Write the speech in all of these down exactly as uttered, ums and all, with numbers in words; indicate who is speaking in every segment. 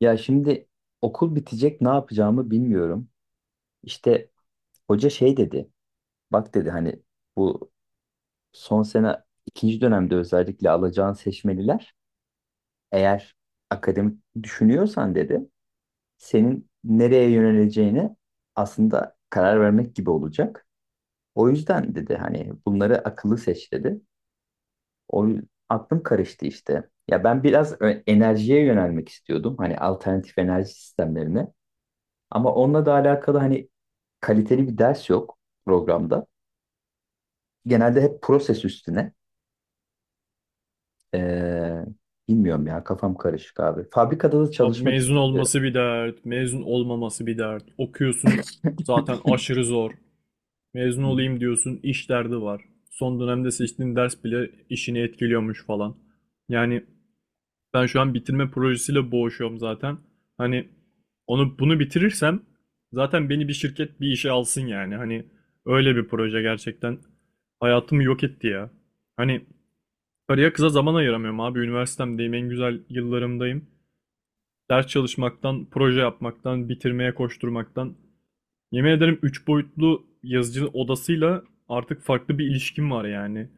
Speaker 1: Ya şimdi okul bitecek, ne yapacağımı bilmiyorum. İşte hoca şey dedi. Bak dedi, hani bu son sene ikinci dönemde özellikle alacağın seçmeliler, eğer akademik düşünüyorsan dedi, senin nereye yöneleceğine aslında karar vermek gibi olacak. O yüzden dedi, hani bunları akıllı seç dedi. O yü- aklım karıştı işte. Ya ben biraz ö- enerjiye yönelmek istiyordum. Hani alternatif enerji sistemlerine. Ama onunla da alakalı hani kaliteli bir ders yok programda. Genelde hep proses üstüne. Ee, bilmiyorum ya, kafam karışık abi. Fabrikada da
Speaker 2: Abi
Speaker 1: çalışmak
Speaker 2: mezun
Speaker 1: istemiyorum.
Speaker 2: olması bir dert, mezun olmaması bir dert. Okuyorsun zaten aşırı zor. Mezun olayım diyorsun, iş derdi var. Son dönemde seçtiğin ders bile işini etkiliyormuş falan. Yani ben şu an bitirme projesiyle boğuşuyorum zaten. Hani onu bunu bitirirsem zaten beni bir şirket bir işe alsın yani. Hani öyle bir proje gerçekten hayatımı yok etti ya. Hani karıya kıza zaman ayıramıyorum abi. Üniversitemdeyim, en güzel yıllarımdayım ders çalışmaktan, proje yapmaktan, bitirmeye koşturmaktan. Yemin ederim üç boyutlu yazıcı odasıyla artık farklı bir ilişkim var yani.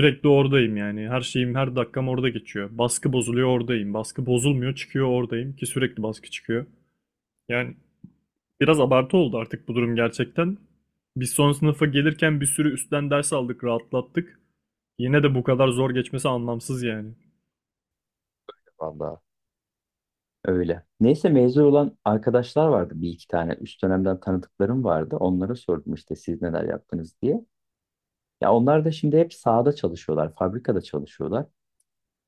Speaker 2: Sürekli oradayım yani. Her şeyim, her dakikam orada geçiyor. Baskı bozuluyor oradayım. Baskı bozulmuyor çıkıyor oradayım ki sürekli baskı çıkıyor. Yani biraz abartı oldu artık bu durum gerçekten. Biz son sınıfa gelirken bir sürü üstten ders aldık, rahatlattık. Yine de bu kadar zor geçmesi anlamsız yani.
Speaker 1: Vallahi öyle. Neyse mezun olan arkadaşlar vardı, bir iki tane. Üst dönemden tanıdıklarım vardı. Onlara sordum işte, siz neler yaptınız diye. Ya onlar da şimdi hep sahada çalışıyorlar, fabrikada çalışıyorlar.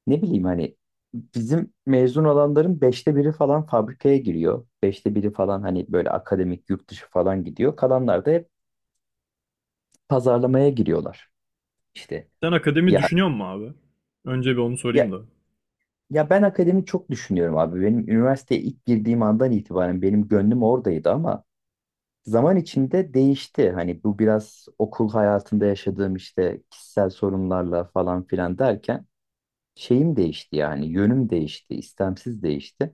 Speaker 1: Ne bileyim hani, bizim mezun olanların beşte biri falan fabrikaya giriyor. Beşte biri falan hani böyle akademik, yurt dışı falan gidiyor. Kalanlar da hep pazarlamaya giriyorlar. İşte.
Speaker 2: Sen akademi
Speaker 1: ya
Speaker 2: düşünüyor musun abi? Önce bir onu
Speaker 1: ya
Speaker 2: sorayım da.
Speaker 1: ya ben akademi çok düşünüyorum abi. Benim üniversiteye ilk girdiğim andan itibaren benim gönlüm oradaydı, ama zaman içinde değişti. Hani bu biraz okul hayatında yaşadığım işte kişisel sorunlarla falan filan derken şeyim değişti, yani yönüm değişti, istemsiz değişti.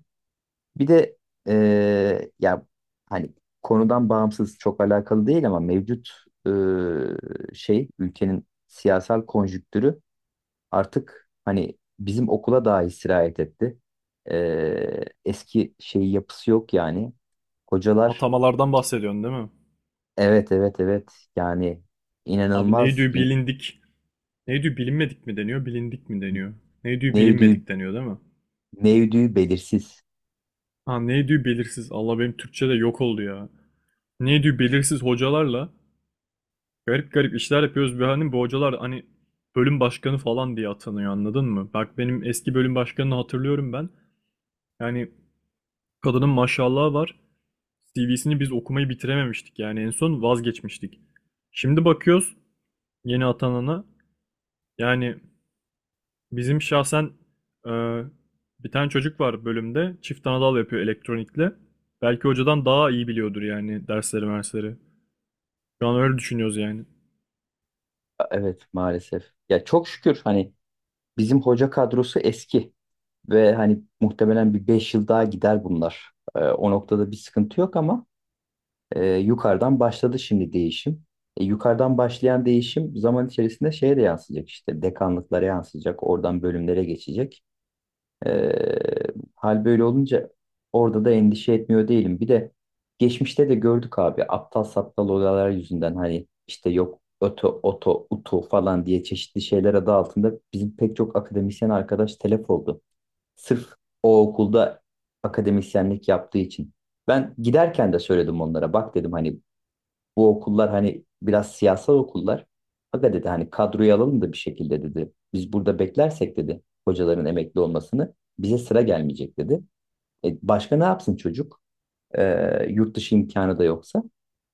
Speaker 1: Bir de eee, ya hani, konudan bağımsız çok alakalı değil ama mevcut eee, şey, ülkenin siyasal konjüktürü artık hani bizim okula daha sirayet etti. Ee, eski şey yapısı yok yani. Hocalar.
Speaker 2: Atamalardan bahsediyorsun değil mi?
Speaker 1: Evet, evet, evet. Yani
Speaker 2: Abi ne
Speaker 1: inanılmaz
Speaker 2: diyor
Speaker 1: in,
Speaker 2: bilindik. Ne diyor bilinmedik mi deniyor, bilindik mi deniyor? Ne diyor
Speaker 1: ne yürüdüğü
Speaker 2: bilinmedik deniyor değil mi?
Speaker 1: belirsiz.
Speaker 2: Ha ne diyor belirsiz. Allah benim Türkçe de yok oldu ya. Ne diyor belirsiz hocalarla garip garip işler yapıyoruz. Bir hani bu hocalar hani bölüm başkanı falan diye atanıyor anladın mı? Bak benim eski bölüm başkanını hatırlıyorum ben. Yani kadının maşallahı var. C V'sini biz okumayı bitirememiştik. Yani en son vazgeçmiştik. Şimdi bakıyoruz yeni atanana. Yani bizim şahsen e, bir tane çocuk var bölümde. Çift anadal yapıyor elektronikle. Belki hocadan daha iyi biliyordur yani dersleri mersleri. Şu an öyle düşünüyoruz yani.
Speaker 1: Evet, maalesef. Ya çok şükür hani, bizim hoca kadrosu eski ve hani muhtemelen bir beş yıl daha gider bunlar. Ee, o noktada bir sıkıntı yok ama. E, yukarıdan başladı şimdi değişim. E, yukarıdan başlayan değişim zaman içerisinde şeye de yansıyacak, işte dekanlıklara yansıyacak, oradan bölümlere geçecek. E, hal böyle olunca orada da endişe etmiyor değilim. Bir de geçmişte de gördük abi, aptal saptal olaylar yüzünden hani işte yok öto, oto, utu falan diye çeşitli şeyler adı altında bizim pek çok akademisyen arkadaş telef oldu. Sırf o okulda akademisyenlik yaptığı için. Ben giderken de söyledim onlara. Bak dedim hani, bu okullar hani biraz siyasal okullar. Aga dedi hani, kadroyu alalım da bir şekilde dedi. Biz burada beklersek dedi, hocaların emekli olmasını bize sıra gelmeyecek dedi. E, başka ne yapsın çocuk? E, yurt dışı imkanı da yoksa.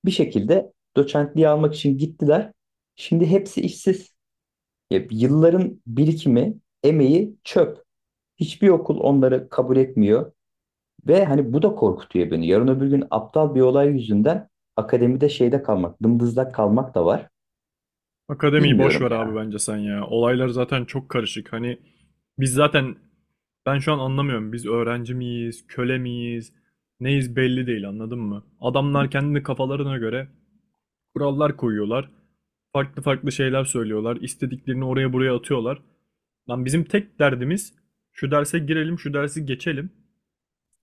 Speaker 1: Bir şekilde doçentliği almak için gittiler. Şimdi hepsi işsiz. E, yılların birikimi, emeği çöp. Hiçbir okul onları kabul etmiyor. Ve hani bu da korkutuyor beni. Yarın öbür gün aptal bir olay yüzünden akademide şeyde kalmak, dımdızlak kalmak da var.
Speaker 2: Akademiyi boş
Speaker 1: Bilmiyorum
Speaker 2: ver abi
Speaker 1: ya.
Speaker 2: bence sen ya. Olaylar zaten çok karışık. Hani biz zaten ben şu an anlamıyorum. Biz öğrenci miyiz, köle miyiz, neyiz belli değil anladın mı? Adamlar kendini kafalarına göre kurallar koyuyorlar. Farklı farklı şeyler söylüyorlar. İstediklerini oraya buraya atıyorlar. Lan bizim tek derdimiz şu derse girelim, şu dersi geçelim.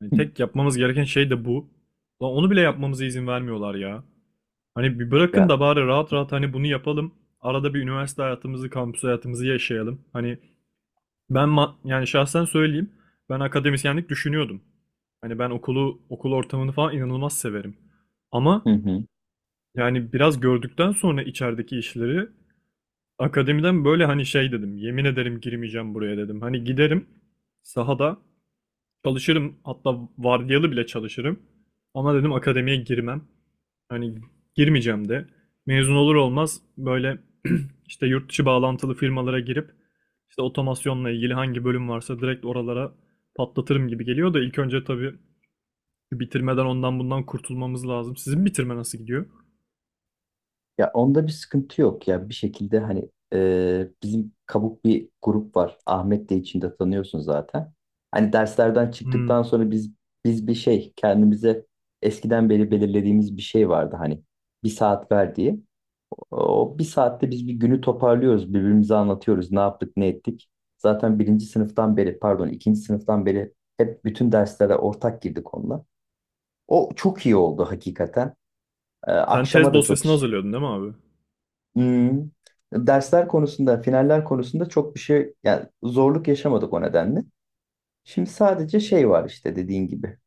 Speaker 2: Yani
Speaker 1: Hı.
Speaker 2: tek yapmamız gereken şey de bu. Lan onu bile yapmamıza izin vermiyorlar ya. Hani bir bırakın
Speaker 1: Ya,
Speaker 2: da bari rahat rahat hani bunu yapalım. Arada bir üniversite hayatımızı, kampüs hayatımızı yaşayalım. Hani ben ma- yani şahsen söyleyeyim. Ben akademisyenlik düşünüyordum. Hani ben okulu, okul ortamını falan inanılmaz severim. Ama
Speaker 1: hı hı.
Speaker 2: yani biraz gördükten sonra içerideki işleri akademiden böyle hani şey dedim. Yemin ederim girmeyeceğim buraya dedim. Hani giderim sahada çalışırım. Hatta vardiyalı bile çalışırım. Ama dedim akademiye girmem. Hani girmeyeceğim de. Mezun olur olmaz böyle işte yurt dışı bağlantılı firmalara girip işte otomasyonla ilgili hangi bölüm varsa direkt oralara patlatırım gibi geliyor da ilk önce tabii bitirmeden ondan bundan kurtulmamız lazım. Sizin bitirme nasıl gidiyor?
Speaker 1: Ya onda bir sıkıntı yok ya, bir şekilde hani e, bizim kabuk bir grup var. Ahmet de içinde, tanıyorsun zaten. Hani derslerden
Speaker 2: Hmm.
Speaker 1: çıktıktan sonra biz biz bir şey, kendimize eskiden beri belirlediğimiz bir şey vardı hani, bir saat ver diye. O bir saatte biz bir günü toparlıyoruz, birbirimize anlatıyoruz ne yaptık, ne ettik. Zaten birinci sınıftan beri, pardon ikinci sınıftan beri hep bütün derslere ortak girdik onunla. O çok iyi oldu hakikaten. Ee,
Speaker 2: Sen tez
Speaker 1: akşama da çok
Speaker 2: dosyasını
Speaker 1: iş.
Speaker 2: hazırlıyordun değil mi abi?
Speaker 1: Hmm. Dersler konusunda, finaller konusunda çok bir şey, yani zorluk yaşamadık o nedenle. Şimdi sadece şey var işte, dediğin gibi.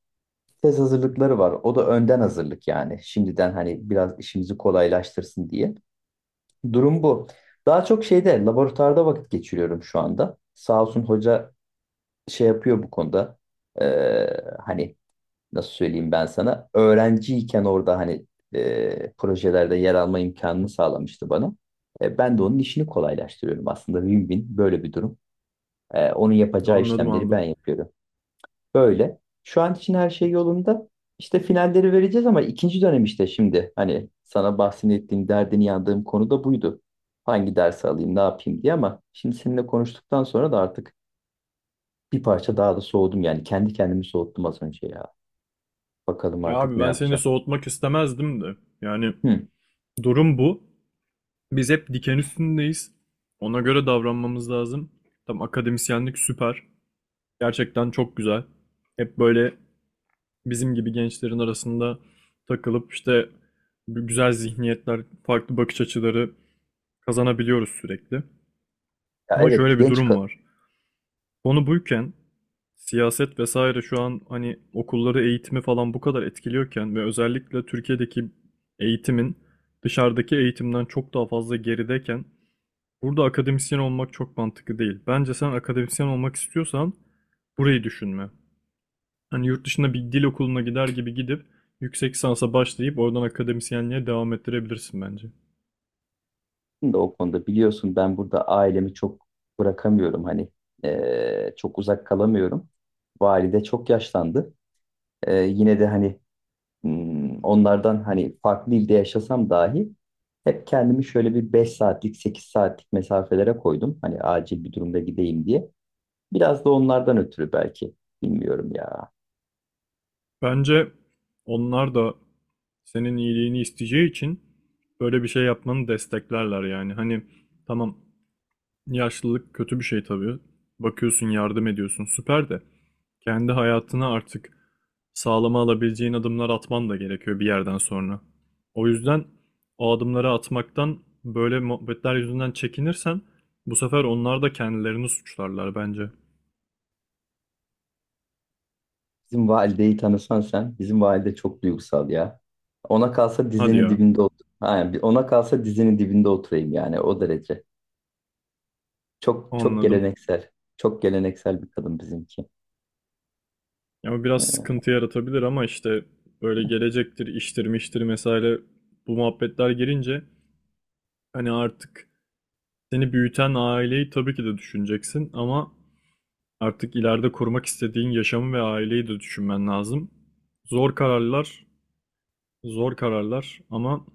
Speaker 1: Tez hazırlıkları var. O da önden hazırlık yani. Şimdiden hani biraz işimizi kolaylaştırsın diye. Durum bu. Daha çok şeyde, laboratuvarda vakit geçiriyorum şu anda. Sağ olsun hoca, şey yapıyor bu konuda. Ee, hani nasıl söyleyeyim, ben sana öğrenciyken orada hani e, projelerde yer alma imkanını sağlamıştı bana. E, ben de onun işini kolaylaştırıyorum aslında, win-win böyle bir durum. E, onun yapacağı
Speaker 2: Anladım,
Speaker 1: işlemleri ben
Speaker 2: anladım.
Speaker 1: yapıyorum. Böyle. Şu an için her şey yolunda. İşte finalleri vereceğiz, ama ikinci dönem işte şimdi hani, sana bahsettiğim derdini yandığım konu da buydu. Hangi dersi alayım, ne yapayım diye, ama şimdi seninle konuştuktan sonra da artık bir parça daha da soğudum, yani kendi kendimi soğuttum az önce ya. Bakalım
Speaker 2: Ya
Speaker 1: artık
Speaker 2: abi
Speaker 1: ne
Speaker 2: ben seni
Speaker 1: yapacağım.
Speaker 2: soğutmak istemezdim de. Yani
Speaker 1: Hı.
Speaker 2: durum bu. Biz hep diken üstündeyiz. Ona göre davranmamız lazım. Tam akademisyenlik süper. Gerçekten çok güzel. Hep böyle bizim gibi gençlerin arasında takılıp işte bu güzel zihniyetler, farklı bakış açıları kazanabiliyoruz sürekli.
Speaker 1: Ya
Speaker 2: Ama
Speaker 1: evet
Speaker 2: şöyle bir
Speaker 1: genç
Speaker 2: durum
Speaker 1: kadın,
Speaker 2: var. Onu buyken siyaset vesaire şu an hani okulları eğitimi falan bu kadar etkiliyorken ve özellikle Türkiye'deki eğitimin dışarıdaki eğitimden çok daha fazla gerideyken burada akademisyen olmak çok mantıklı değil. Bence sen akademisyen olmak istiyorsan burayı düşünme. Hani yurt dışında bir dil okuluna gider gibi gidip yüksek lisansa başlayıp oradan akademisyenliğe devam ettirebilirsin bence.
Speaker 1: da o konuda biliyorsun, ben burada ailemi çok bırakamıyorum hani. Ee, çok uzak kalamıyorum. Valide çok yaşlandı. Ee, yine de hani hmm, onlardan hani farklı ilde yaşasam dahi hep kendimi şöyle bir beş saatlik, sekiz saatlik mesafelere koydum. Hani acil bir durumda gideyim diye. Biraz da onlardan ötürü belki, bilmiyorum ya.
Speaker 2: Bence onlar da senin iyiliğini isteyeceği için böyle bir şey yapmanı desteklerler yani. Hani tamam yaşlılık kötü bir şey tabii. Bakıyorsun, yardım ediyorsun, süper de kendi hayatını artık sağlama alabileceğin adımlar atman da gerekiyor bir yerden sonra. O yüzden o adımları atmaktan böyle muhabbetler yüzünden çekinirsen bu sefer onlar da kendilerini suçlarlar bence.
Speaker 1: Bizim valideyi tanısan sen. Bizim valide çok duygusal ya. Ona kalsa
Speaker 2: Hadi
Speaker 1: dizinin
Speaker 2: ya,
Speaker 1: dibinde otur. Aynen. bir- Ona kalsa dizinin dibinde oturayım, yani o derece. Çok çok
Speaker 2: anladım.
Speaker 1: geleneksel. Çok geleneksel bir kadın bizimki.
Speaker 2: Ya o biraz sıkıntı yaratabilir ama işte böyle gelecektir, iştir, miştir mesela bu muhabbetler girince hani artık seni büyüten aileyi tabii ki de düşüneceksin ama artık ileride kurmak istediğin yaşamı ve aileyi de düşünmen lazım. Zor kararlar, zor kararlar ama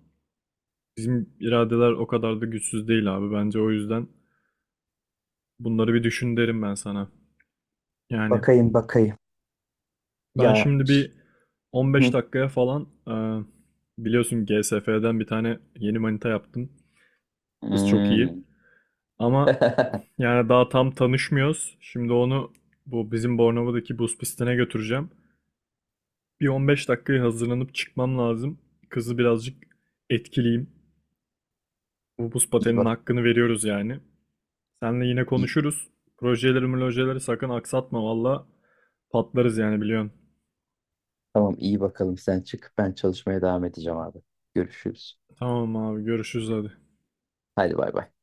Speaker 2: bizim iradeler o kadar da güçsüz değil abi. Bence o yüzden bunları bir düşün derim ben sana. Yani
Speaker 1: Bakayım bakayım.
Speaker 2: ben
Speaker 1: Ya
Speaker 2: şimdi
Speaker 1: ş-
Speaker 2: bir on beş
Speaker 1: Hı.
Speaker 2: dakikaya falan e, biliyorsun G S F'den bir tane yeni manita yaptım. Kız çok iyi.
Speaker 1: Hmm.
Speaker 2: Ama yani daha tam tanışmıyoruz. Şimdi onu bu bizim Bornova'daki buz pistine götüreceğim. Bir on beş dakikaya hazırlanıp çıkmam lazım. Kızı birazcık etkileyim. Bu buz
Speaker 1: İyi
Speaker 2: pateninin
Speaker 1: bak.
Speaker 2: hakkını veriyoruz yani. Seninle yine
Speaker 1: iyi-
Speaker 2: konuşuruz. Projeleri projeleri sakın aksatma valla. Patlarız yani biliyorsun.
Speaker 1: Tamam, iyi bakalım, sen çık. Ben çalışmaya devam edeceğim abi. Görüşürüz.
Speaker 2: Tamam abi görüşürüz hadi.
Speaker 1: Hadi bay bay.